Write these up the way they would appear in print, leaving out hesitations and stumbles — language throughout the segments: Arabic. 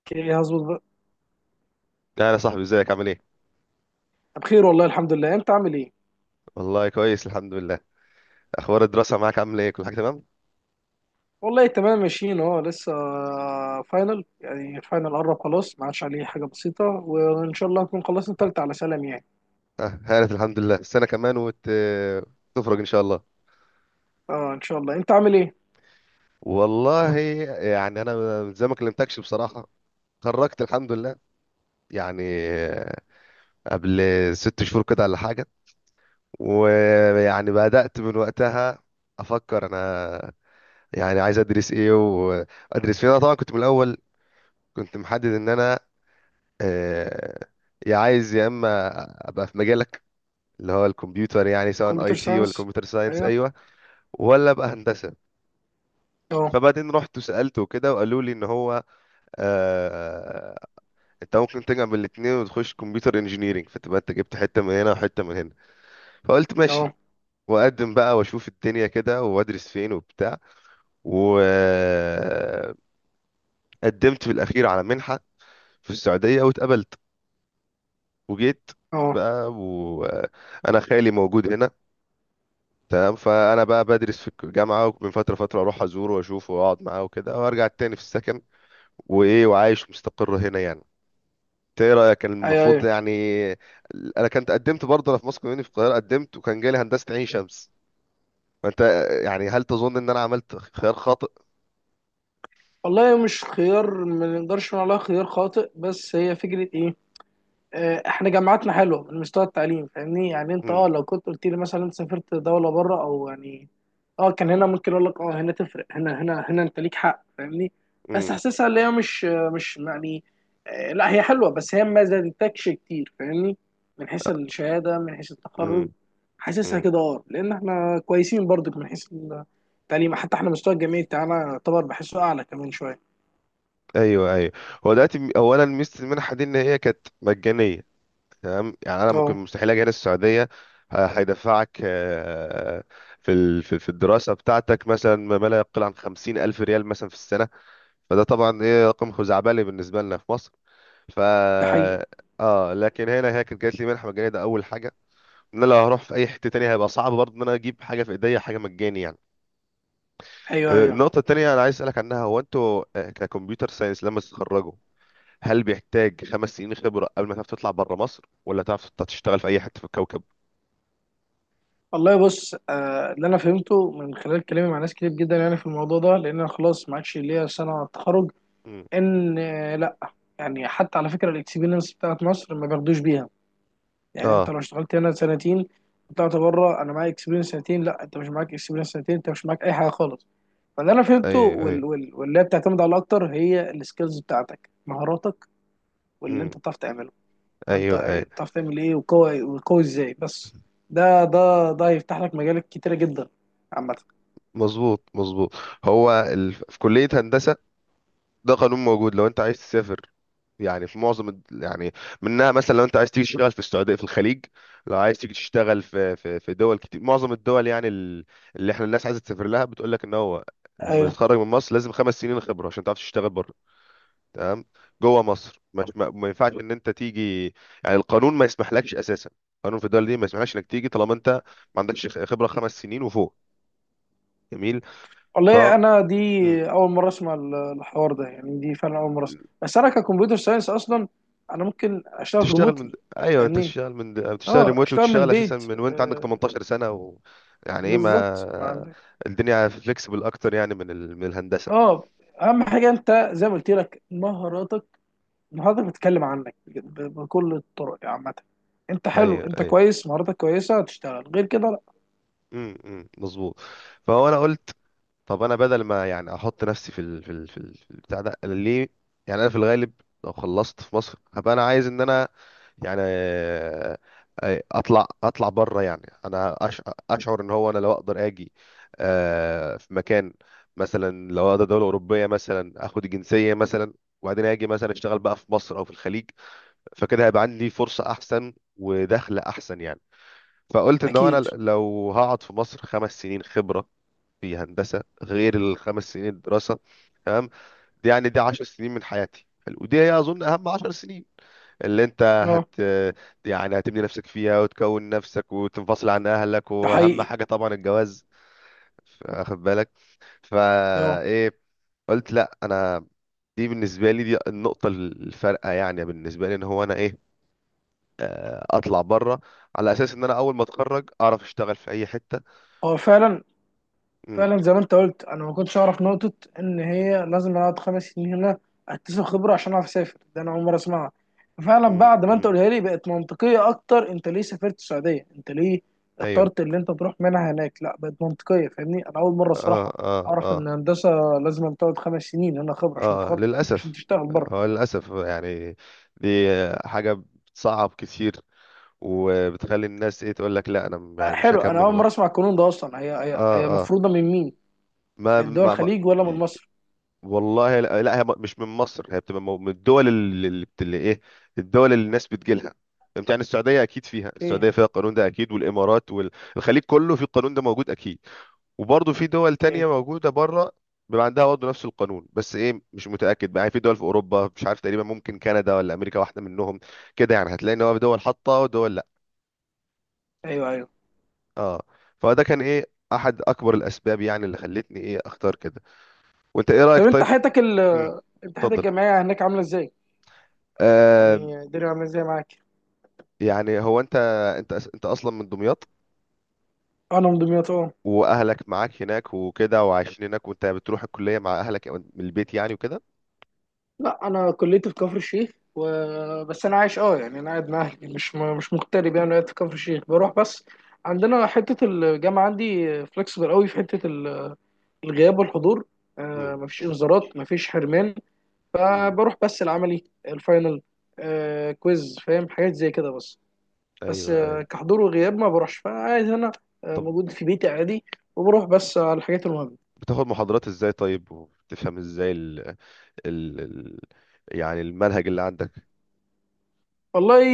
اوكي، هظبط بقى. لا يا صاحبي، ازيك؟ عامل ايه؟ بخير والله، الحمد لله. انت عامل ايه؟ والله كويس، الحمد لله. اخبار الدراسه معاك عامله ايه؟ كل حاجه تمام؟ والله تمام، ماشيين اهو لسه. فاينل، يعني الفاينل قرب خلاص، ما عادش عليه حاجه بسيطه وان شاء الله نكون خلصنا التالتة على سلام يعني. هانت الحمد لله، السنه كمان وتخرج ان شاء الله. اه، ان شاء الله. انت عامل ايه؟ والله يعني انا، من زي ما كلمتكش بصراحه، خرجت الحمد لله يعني، آه، قبل 6 شهور كده ولا حاجه، ويعني بدات من وقتها افكر انا يعني عايز ادرس ايه وادرس فين. انا طبعا كنت من الاول كنت محدد ان انا آه، يا عايز يا اما ابقى في مجالك اللي هو الكمبيوتر، يعني سواء كمبيوتر اي تي ولا ساينس، كمبيوتر ساينس. ايوه. ايوه. ولا بقى هندسه. اه، فبعدين رحت سالته كده وقالوا لي ان هو آه انت ممكن تجمع من الاثنين وتخش كمبيوتر انجينيرنج، فتبقى انت جبت حته من هنا وحته من هنا. فقلت ماشي اه، واقدم بقى واشوف الدنيا كده وادرس فين وبتاع. وقدمت في الاخير على منحه في السعوديه واتقبلت، وجيت اه. بقى وانا خالي موجود هنا. تمام، فانا بقى بدرس في الجامعه، ومن فتره فتره اروح ازوره واشوفه واقعد معاه وكده وارجع تاني في السكن، وايه، وعايش مستقر هنا يعني. إنت ايه رايك؟ كان ايوه، المفروض ايوه. يعني انا كنت قدمت برضه انا في مصر كوميونتي في القاهره، قدمت وكان جالي هندسه عين شمس. فانت يعني هل تظن ان انا عملت خيار خاطئ؟ والله مش خيار، ما نقدرش نقول عليها خيار خاطئ، بس هي فكره ايه. احنا جامعاتنا حلوه من مستوى التعليم، فاهمني. يعني انت، امم لو كنت قلت لي مثلا انت سافرت دوله بره او يعني، اه كان هنا ممكن اقول لك هنا تفرق، هنا هنا هنا، انت ليك حق، فاهمني. بس امم حاسسها اللي هي مش، مش يعني، لا، هي حلوه بس هي ما زادتكش كتير، فاهمني. من حيث الشهاده، من حيث التخرج. امم حاسسها امم كده، لان احنا كويسين برضك من حيث التعليم. حتى احنا مستوى الجامعي بتاعنا يعتبر بحسه اعلى كمان شويه. ايوه، ايوه. هو دلوقتي اولا ميزه المنحه دي ان هي كانت مجانيه. تمام، يعني انا ممكن اه، مستحيل اجي هنا السعوديه. هيدفعك، في في الدراسه بتاعتك، مثلا، ما لا يقل عن 50,000 ريال مثلا في السنه. فده طبعا ايه، رقم خزعبلي بالنسبه لنا في مصر. ف ده حقيقي. اه، لكن هنا هي كانت جات لي منحه مجانيه، ده اول حاجه. ان انا لو هروح في اي حته تانية هيبقى صعب برضه ان انا اجيب حاجه في ايديا حاجه مجاني يعني. ايوه، ايوه. النقطه التانية انا عايز اسالك عنها، هو انتوا ككمبيوتر ساينس لما تتخرجوا، هل بيحتاج 5 سنين خبره قبل ما تعرف تطلع بره مصر، ولا تعرف تشتغل في اي حته في الكوكب؟ والله، بص، اللي انا فهمته من خلال كلامي مع ناس كتير جدا يعني في الموضوع ده، لان انا خلاص ما عادش ليا سنه على التخرج. ان آه، يعني حتى على فكره، الاكسبيرينس بتاعت مصر ما بياخدوش بيها. يعني انت اه، لو اشتغلت هنا سنتين، طلعت بره، انا معايا اكسبيرينس سنتين. لا، انت مش معاك اكسبيرينس سنتين، انت مش معاك اي حاجه خالص. فاللي انا فهمته ايوه، ايوه. واللي هي بتعتمد على اكتر هي السكيلز بتاعتك، مهاراتك، واللي امم انت بتعرف تعمله. وانت ايوه، ايوه، بتعرف تعمل ايه، وقوي وقوي ازاي، بس ده هيفتح لك مجالات كتيره جدا، عامه. مظبوط، مظبوط. هو في كلية هندسة ده قانون موجود لو انت عايز تسافر، يعني في معظم يعني منها، مثلا، لو انت عايز تيجي تشتغل في السعودية في الخليج، لو عايز تيجي تشتغل في في دول كتير، معظم الدول يعني اللي احنا الناس عايزة تسافر لها بتقول لك ان هو لما آه، تتخرج من مصر لازم 5 سنين خبرة عشان تعرف تشتغل بره. تمام. جوه مصر مش ما ينفعش ان انت تيجي، يعني القانون ما يسمحلكش اساسا. القانون في الدول دي ما يسمحلكش انك تيجي طالما انت ما عندكش خبره 5 سنين وفوق. جميل. ف والله، انا دي مم. اول مره اسمع الحوار ده، يعني دي فعلا اول مره اسمع، بس انا ككمبيوتر ساينس اصلا انا ممكن اشتغل تشتغل من. ريموتلي. ايوه، انت يعني، تشتغل من، بتشتغل اه، ريموتلي اشتغل من وتشتغل اساسا البيت. من وانت عندك آه، 18 سنه و... يعني ايه، بالظبط، ما ما عندك. الدنيا فليكسبل اكتر يعني من من الهندسه. اه اهم حاجه، انت زي ما قلت لك، مهاراتك. مهاراتك بتتكلم عنك بكل الطرق، يعني عامه. انت حلو، ايوه، انت ايوه. كويس، مهاراتك كويسه، هتشتغل، غير كده لا. مظبوط. فهو انا قلت، طب انا بدل ما يعني احط نفسي في في البتاع ده، أنا ليه؟ يعني انا في الغالب لو خلصت في مصر هبقى انا عايز ان انا يعني اطلع بره. يعني انا اشعر ان هو انا لو اقدر اجي في مكان، مثلا لو اقدر دوله اوروبيه مثلا اخد الجنسيه مثلا، وبعدين اجي مثلا اشتغل بقى في مصر او في الخليج، فكده هيبقى عندي فرصه احسن ودخل احسن يعني. فقلت ان هو انا اكيد. لو هقعد في مصر 5 سنين خبره في هندسه، غير الخمس سنين الدراسه، تمام، دي يعني دي 10 سنين من حياتي. حلو. ودي هي اظن اهم 10 سنين اللي انت هت اه، يعني هتبني نفسك فيها وتكون نفسك وتنفصل عن اهلك، ده واهم حقيقي. حاجه طبعا الجواز، واخد بالك؟ فا اه، ايه قلت لا، انا دي بالنسبه لي، دي النقطه الفارقه يعني بالنسبه لي، ان هو انا ايه، اطلع بره على اساس ان انا اول ما اتخرج اعرف اشتغل في اي حته. هو فعلا، م- فعلا زي ما انت قلت، انا ما كنتش اعرف نقطه ان هي لازم اقعد خمس سنين هنا اكتسب خبره عشان اعرف اسافر، ده انا اول مره اسمعها. فعلا بعد ما انت م. قولها لي بقت منطقيه اكتر. انت ليه سافرت السعوديه؟ انت ليه ايوه، اخترت اللي انت تروح منها هناك؟ لا، بقت منطقيه، فاهمني. انا اول مره اه، الصراحه اه، اعرف اه. ان هندسه لازم تقعد خمس سنين هنا خبره عشان اه، تتخرج، عشان للاسف. تشتغل بره. هو للاسف يعني دي حاجه بتصعب كتير، وبتخلي الناس ايه، تقول لك لا انا، يعني مش حلو، انا هكمل في اول مره مصر. اسمع القانون ده اصلا. هي هي اه، هي اه، مفروضه من مين؟ ما, من دول ما, ما الخليج ولا من مصر؟ والله، لا، لا، هي مش من مصر، هي بتبقى من الدول اللي اللي ايه، الدول اللي الناس بتجيلها. انت يعني السعوديه اكيد فيها، اوكي، السعوديه فيها القانون ده اكيد، والامارات والخليج كله في القانون ده موجود اكيد. وبرضه في دول تانية اوكي. موجودة بره بيبقى عندها برضه نفس القانون، بس ايه، مش متأكد بقى يعني. في دول في أوروبا مش عارف، تقريبا ممكن كندا ولا أمريكا واحدة منهم، كده يعني هتلاقي ان هو في دول حاطة ودول لا. ايوه، ايوه. اه. فده كان ايه، أحد أكبر الأسباب يعني اللي خلتني ايه أختار كده. وأنت ايه رأيك؟ طب انت طيب. حياتك ال امم انت حياتك اتفضل. الجامعية هناك عاملة ازاي؟ آه يعني الدنيا عاملة ازاي معاك؟ يعني هو أنت أصلا من دمياط؟ انا من دمياط، اه. وأهلك معاك هناك وكده، وعايشين هناك، وأنت بتروح الكلية مع أهلك أو من البيت يعني وكده؟ لا، انا كليتي في كفر الشيخ، و بس انا عايش، اه يعني انا قاعد مع اهلي، مش مش مغترب، يعني قاعد في كفر الشيخ، بروح بس. عندنا حته، الجامعه عندي فلكسبل قوي في حته الغياب والحضور. امم مفيش انذارات، مفيش حرمان. امم فبروح بس العملي، الفاينل، كويز، فاهم حاجات زي كده بس. بس ايوه، ايوه. كحضور وغياب ما بروحش، فعايز انا طب موجود في بيتي عادي، وبروح بس على الحاجات المهمه. بتاخد محاضرات ازاي طيب؟ وبتفهم ازاي ال... ال... يعني المنهج اللي عندك؟ والله،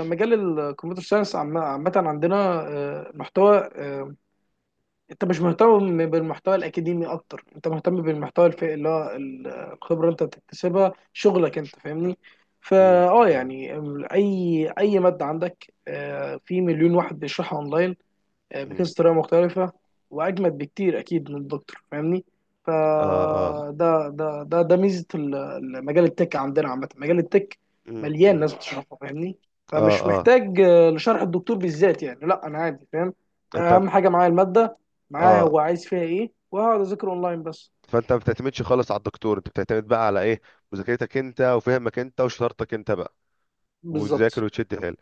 مجال الكمبيوتر ساينس عامة عندنا آه، محتوى آه، انت مش مهتم بالمحتوى الاكاديمي اكتر، انت مهتم بالمحتوى اللي هو الخبرة انت بتكتسبها، شغلك، انت فاهمني. مم، فا اه مم، يعني، اي مادة عندك في مليون واحد بيشرحها اونلاين، مم. بتنسى طريقه مختلفه، واجمد بكتير اكيد من الدكتور، فاهمني. اه، اه. فده ده ده ده ميزه مجال التك عندنا، عامه مجال التك مم، مليان مم. ناس بتشرحه، فاهمني. اه، فمش اه. محتاج لشرح الدكتور بالذات، يعني لا، انا عادي فاهم. انت بت... اهم حاجه معايا الماده، معاها اه. هو عايز فيها ايه، وهقعد اذاكر اونلاين بس. فانت ما بتعتمدش خالص على الدكتور، انت بتعتمد بقى على ايه؟ مذاكرتك انت، وفهمك انت، وشطارتك انت بقى، وتذاكر بالظبط. وتشد حيل.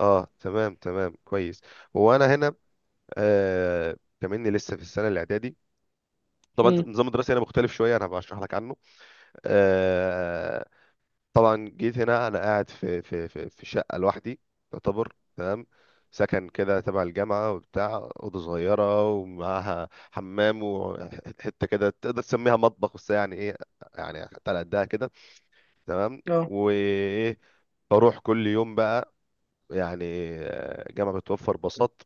اه، تمام، تمام، كويس. هو انا هنا كمني لسه في السنه الاعدادي. طبعا امم نظام الدراسه هنا مختلف شويه، انا هبقى اشرح لك عنه. آه طبعا جيت هنا انا قاعد في شقه لوحدي، يعتبر تمام، سكن كده تبع الجامعه وبتاع، اوضه صغيره ومعاها حمام وحته كده تقدر تسميها مطبخ، بس يعني ايه، يعني حتى على قدها كده. تمام، اه، وايه، بروح كل يوم بقى يعني. جامعه بتوفر باصات،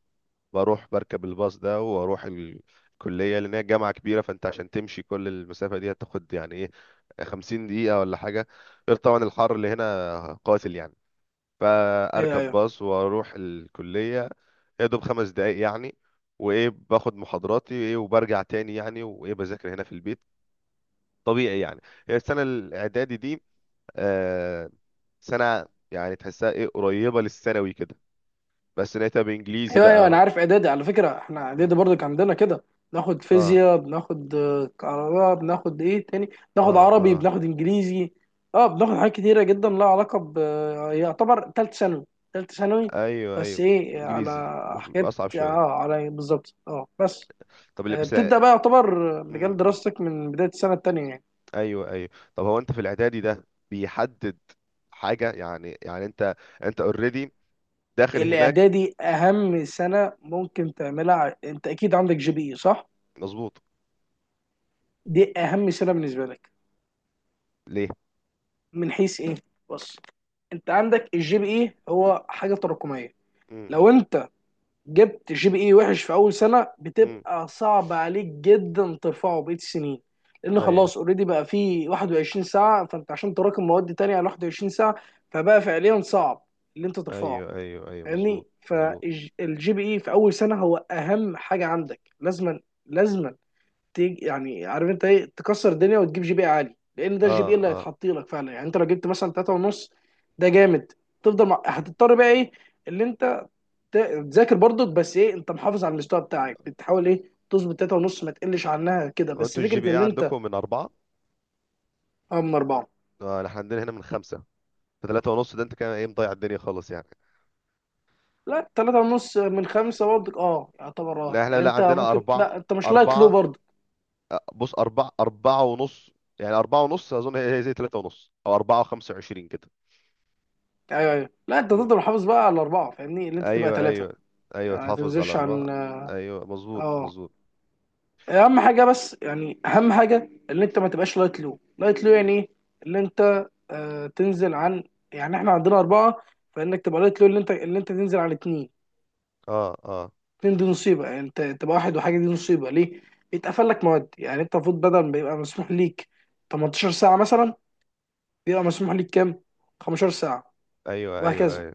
بروح بركب الباص ده واروح الكليه لان هي جامعه كبيره. فانت عشان تمشي كل المسافه دي هتاخد يعني ايه، 50 دقيقه ولا حاجه، غير طبعا الحر اللي هنا قاتل يعني. ايوه، فاركب ايوه، باص واروح الكليه، يا دوب 5 دقايق يعني. وايه، باخد محاضراتي ايه، وبرجع تاني يعني، وايه، بذاكر هنا في البيت طبيعي يعني. هي السنه الاعدادي دي آه سنه يعني تحسها ايه قريبه للثانوي كده، بس لقيتها بانجليزي ايوه. ايوه انا بقى. عارف اعدادي، على فكره احنا م. اعدادي برضو كان عندنا كده. بناخد اه، فيزياء، بناخد كهرباء، بناخد ايه تاني، بناخد اه، عربي، اه، بناخد انجليزي. اه بناخد حاجات كتيره جدا لها علاقه ب آه، يعتبر تالت ثانوي، تالت ثانوي، ايوه، بس ايوو، ايه على انجليزي حاجات، واصعب شويه. على بالظبط، اه بس طب اللي بس، بتبدا بقى يعتبر مجال م. دراستك من بدايه السنه التانيه يعني. ايوه، ايوه. طب هو انت في الاعدادي ده بيحدد حاجه يعني، يعني انت اوريدي داخل هناك. الاعدادي اهم سنه ممكن تعملها. انت اكيد عندك جي بي اي، صح؟ مظبوط. دي اهم سنه بالنسبه لك. ليه؟ من حيث ايه؟ بص، انت عندك الجي بي اي هو حاجه تراكميه. مم. لو انت جبت جي بي اي وحش في اول سنه، مم. بتبقى صعب عليك جدا ترفعه بقيه السنين، لان ايوه، خلاص اوريدي بقى فيه 21 ساعه، فانت عشان تراكم مواد تانية على 21 ساعه، فبقى فعليا صعب اللي انت ترفعه، ايوه، ايوه، ايوه، مظبوط، فاهمني. مظبوط. فالجي بي اي في اول سنه هو اهم حاجه عندك، لازما، لازما تيجي، يعني عارف انت ايه، تكسر الدنيا وتجيب جي بي إيه عالي، لان ده الجي بي اه، إيه اللي اه. هيتحط لك فعلا. يعني انت لو جبت مثلا 3 ونص، ده جامد. تفضل مم. هتضطر بقى ايه اللي انت ت- تذاكر برضك، بس ايه انت محافظ على المستوى بتاعك، بتحاول ايه تظبط 3 ونص، ما تقلش عنها كده، هو بس انتوا الجي بي فكره اي ان انت. عندكم من اربعه؟ اه، من اربعه. احنا عندنا هنا من خمسه، فثلاثة ونص ده انت كده ايه، مضيع الدنيا خالص يعني. لا، 3 ونص من خمسه برضك، اه يعتبر، اه لا احنا، يعني لا انت عندنا ممكن، اربعه. لا انت مش لايت لو اربعه. برضك. بص، أربعة، أربعة ونص، يعني أربعة ونص أظن هي هي زي تلاتة ونص أو أربعة وخمسة وعشرين كده. ايوه، ايوه، لا انت مم. تفضل محافظ بقى على اربعه، فاهمني اللي انت تبقى أيوه، ثلاثه، أيوه، أيوه، يعني ما تحافظ على تنزلش أربعة. عن، أيوه، مظبوط، اه، مظبوط. اهم حاجه، بس يعني اهم حاجه ان انت ما تبقاش لايت لو، لايت لو، يعني ايه ان انت تنزل عن، يعني احنا عندنا اربعه، فانك تبقى لايت لو ان انت تنزل عن اتنين. أه، أه، اتنين دي نصيبه، يعني انت تبقى واحد وحاجه، دي نصيبه ليه بيتقفل لك مواد. يعني انت المفروض بدل ما يبقى مسموح ليك 18 ساعه مثلا، بيبقى مسموح ليك كام، 15 ساعه، أيوه، أيوه، وهكذا، أيوه،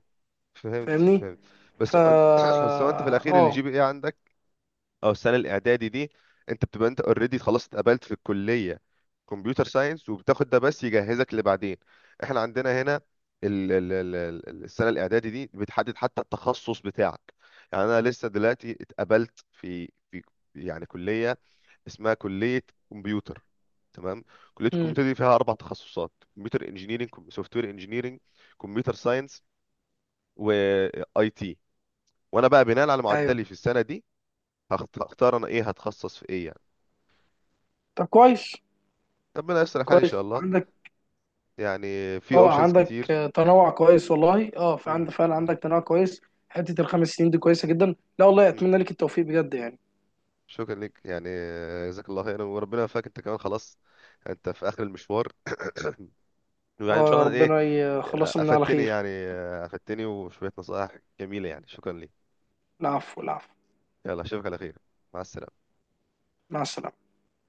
فهمت، فاهمني. فهمت. بس فا أنت بس هو أنت في الأخير اه الجي بي إيه عندك، او السنه الاعدادي دي، انت بتبقى انت اوريدي خلاص اتقبلت في الكليه كمبيوتر ساينس، وبتاخد ده بس يجهزك لبعدين. احنا عندنا هنا السنه الاعدادي دي بتحدد حتى التخصص بتاعك. يعني انا لسه دلوقتي اتقبلت في يعني كليه اسمها كليه كمبيوتر. تمام، كليه مم. الكمبيوتر دي فيها اربع تخصصات: كمبيوتر انجينيرنج، سوفت وير انجينيرنج، كمبيوتر ساينس، واي تي. وانا بقى بناء على ايوه. معدلي في السنه دي هختار انا ايه، هتخصص في ايه يعني. طب، كويس. ربنا يستر الحال ان شاء كويس الله. عندك. يعني في اه، اوبشنز عندك كتير. تنوع كويس والله، اه في عند، مم، فعلا مم، عندك تنوع كويس. حته الخمس سنين دي كويسه جدا، لا والله، مم. اتمنى لك التوفيق بجد يعني. شكرا لك يعني، جزاك الله خيرا، وربنا يوفقك انت كمان. خلاص انت في اخر المشوار، ويعني ان شاء الله ايه. ربنا يخلصنا من على افدتني خير. يعني، افدتني وشويه نصائح جميله يعني. شكرا لك. العفو، العفو. يلا اشوفك على خير. مع السلامه. مع السلامه.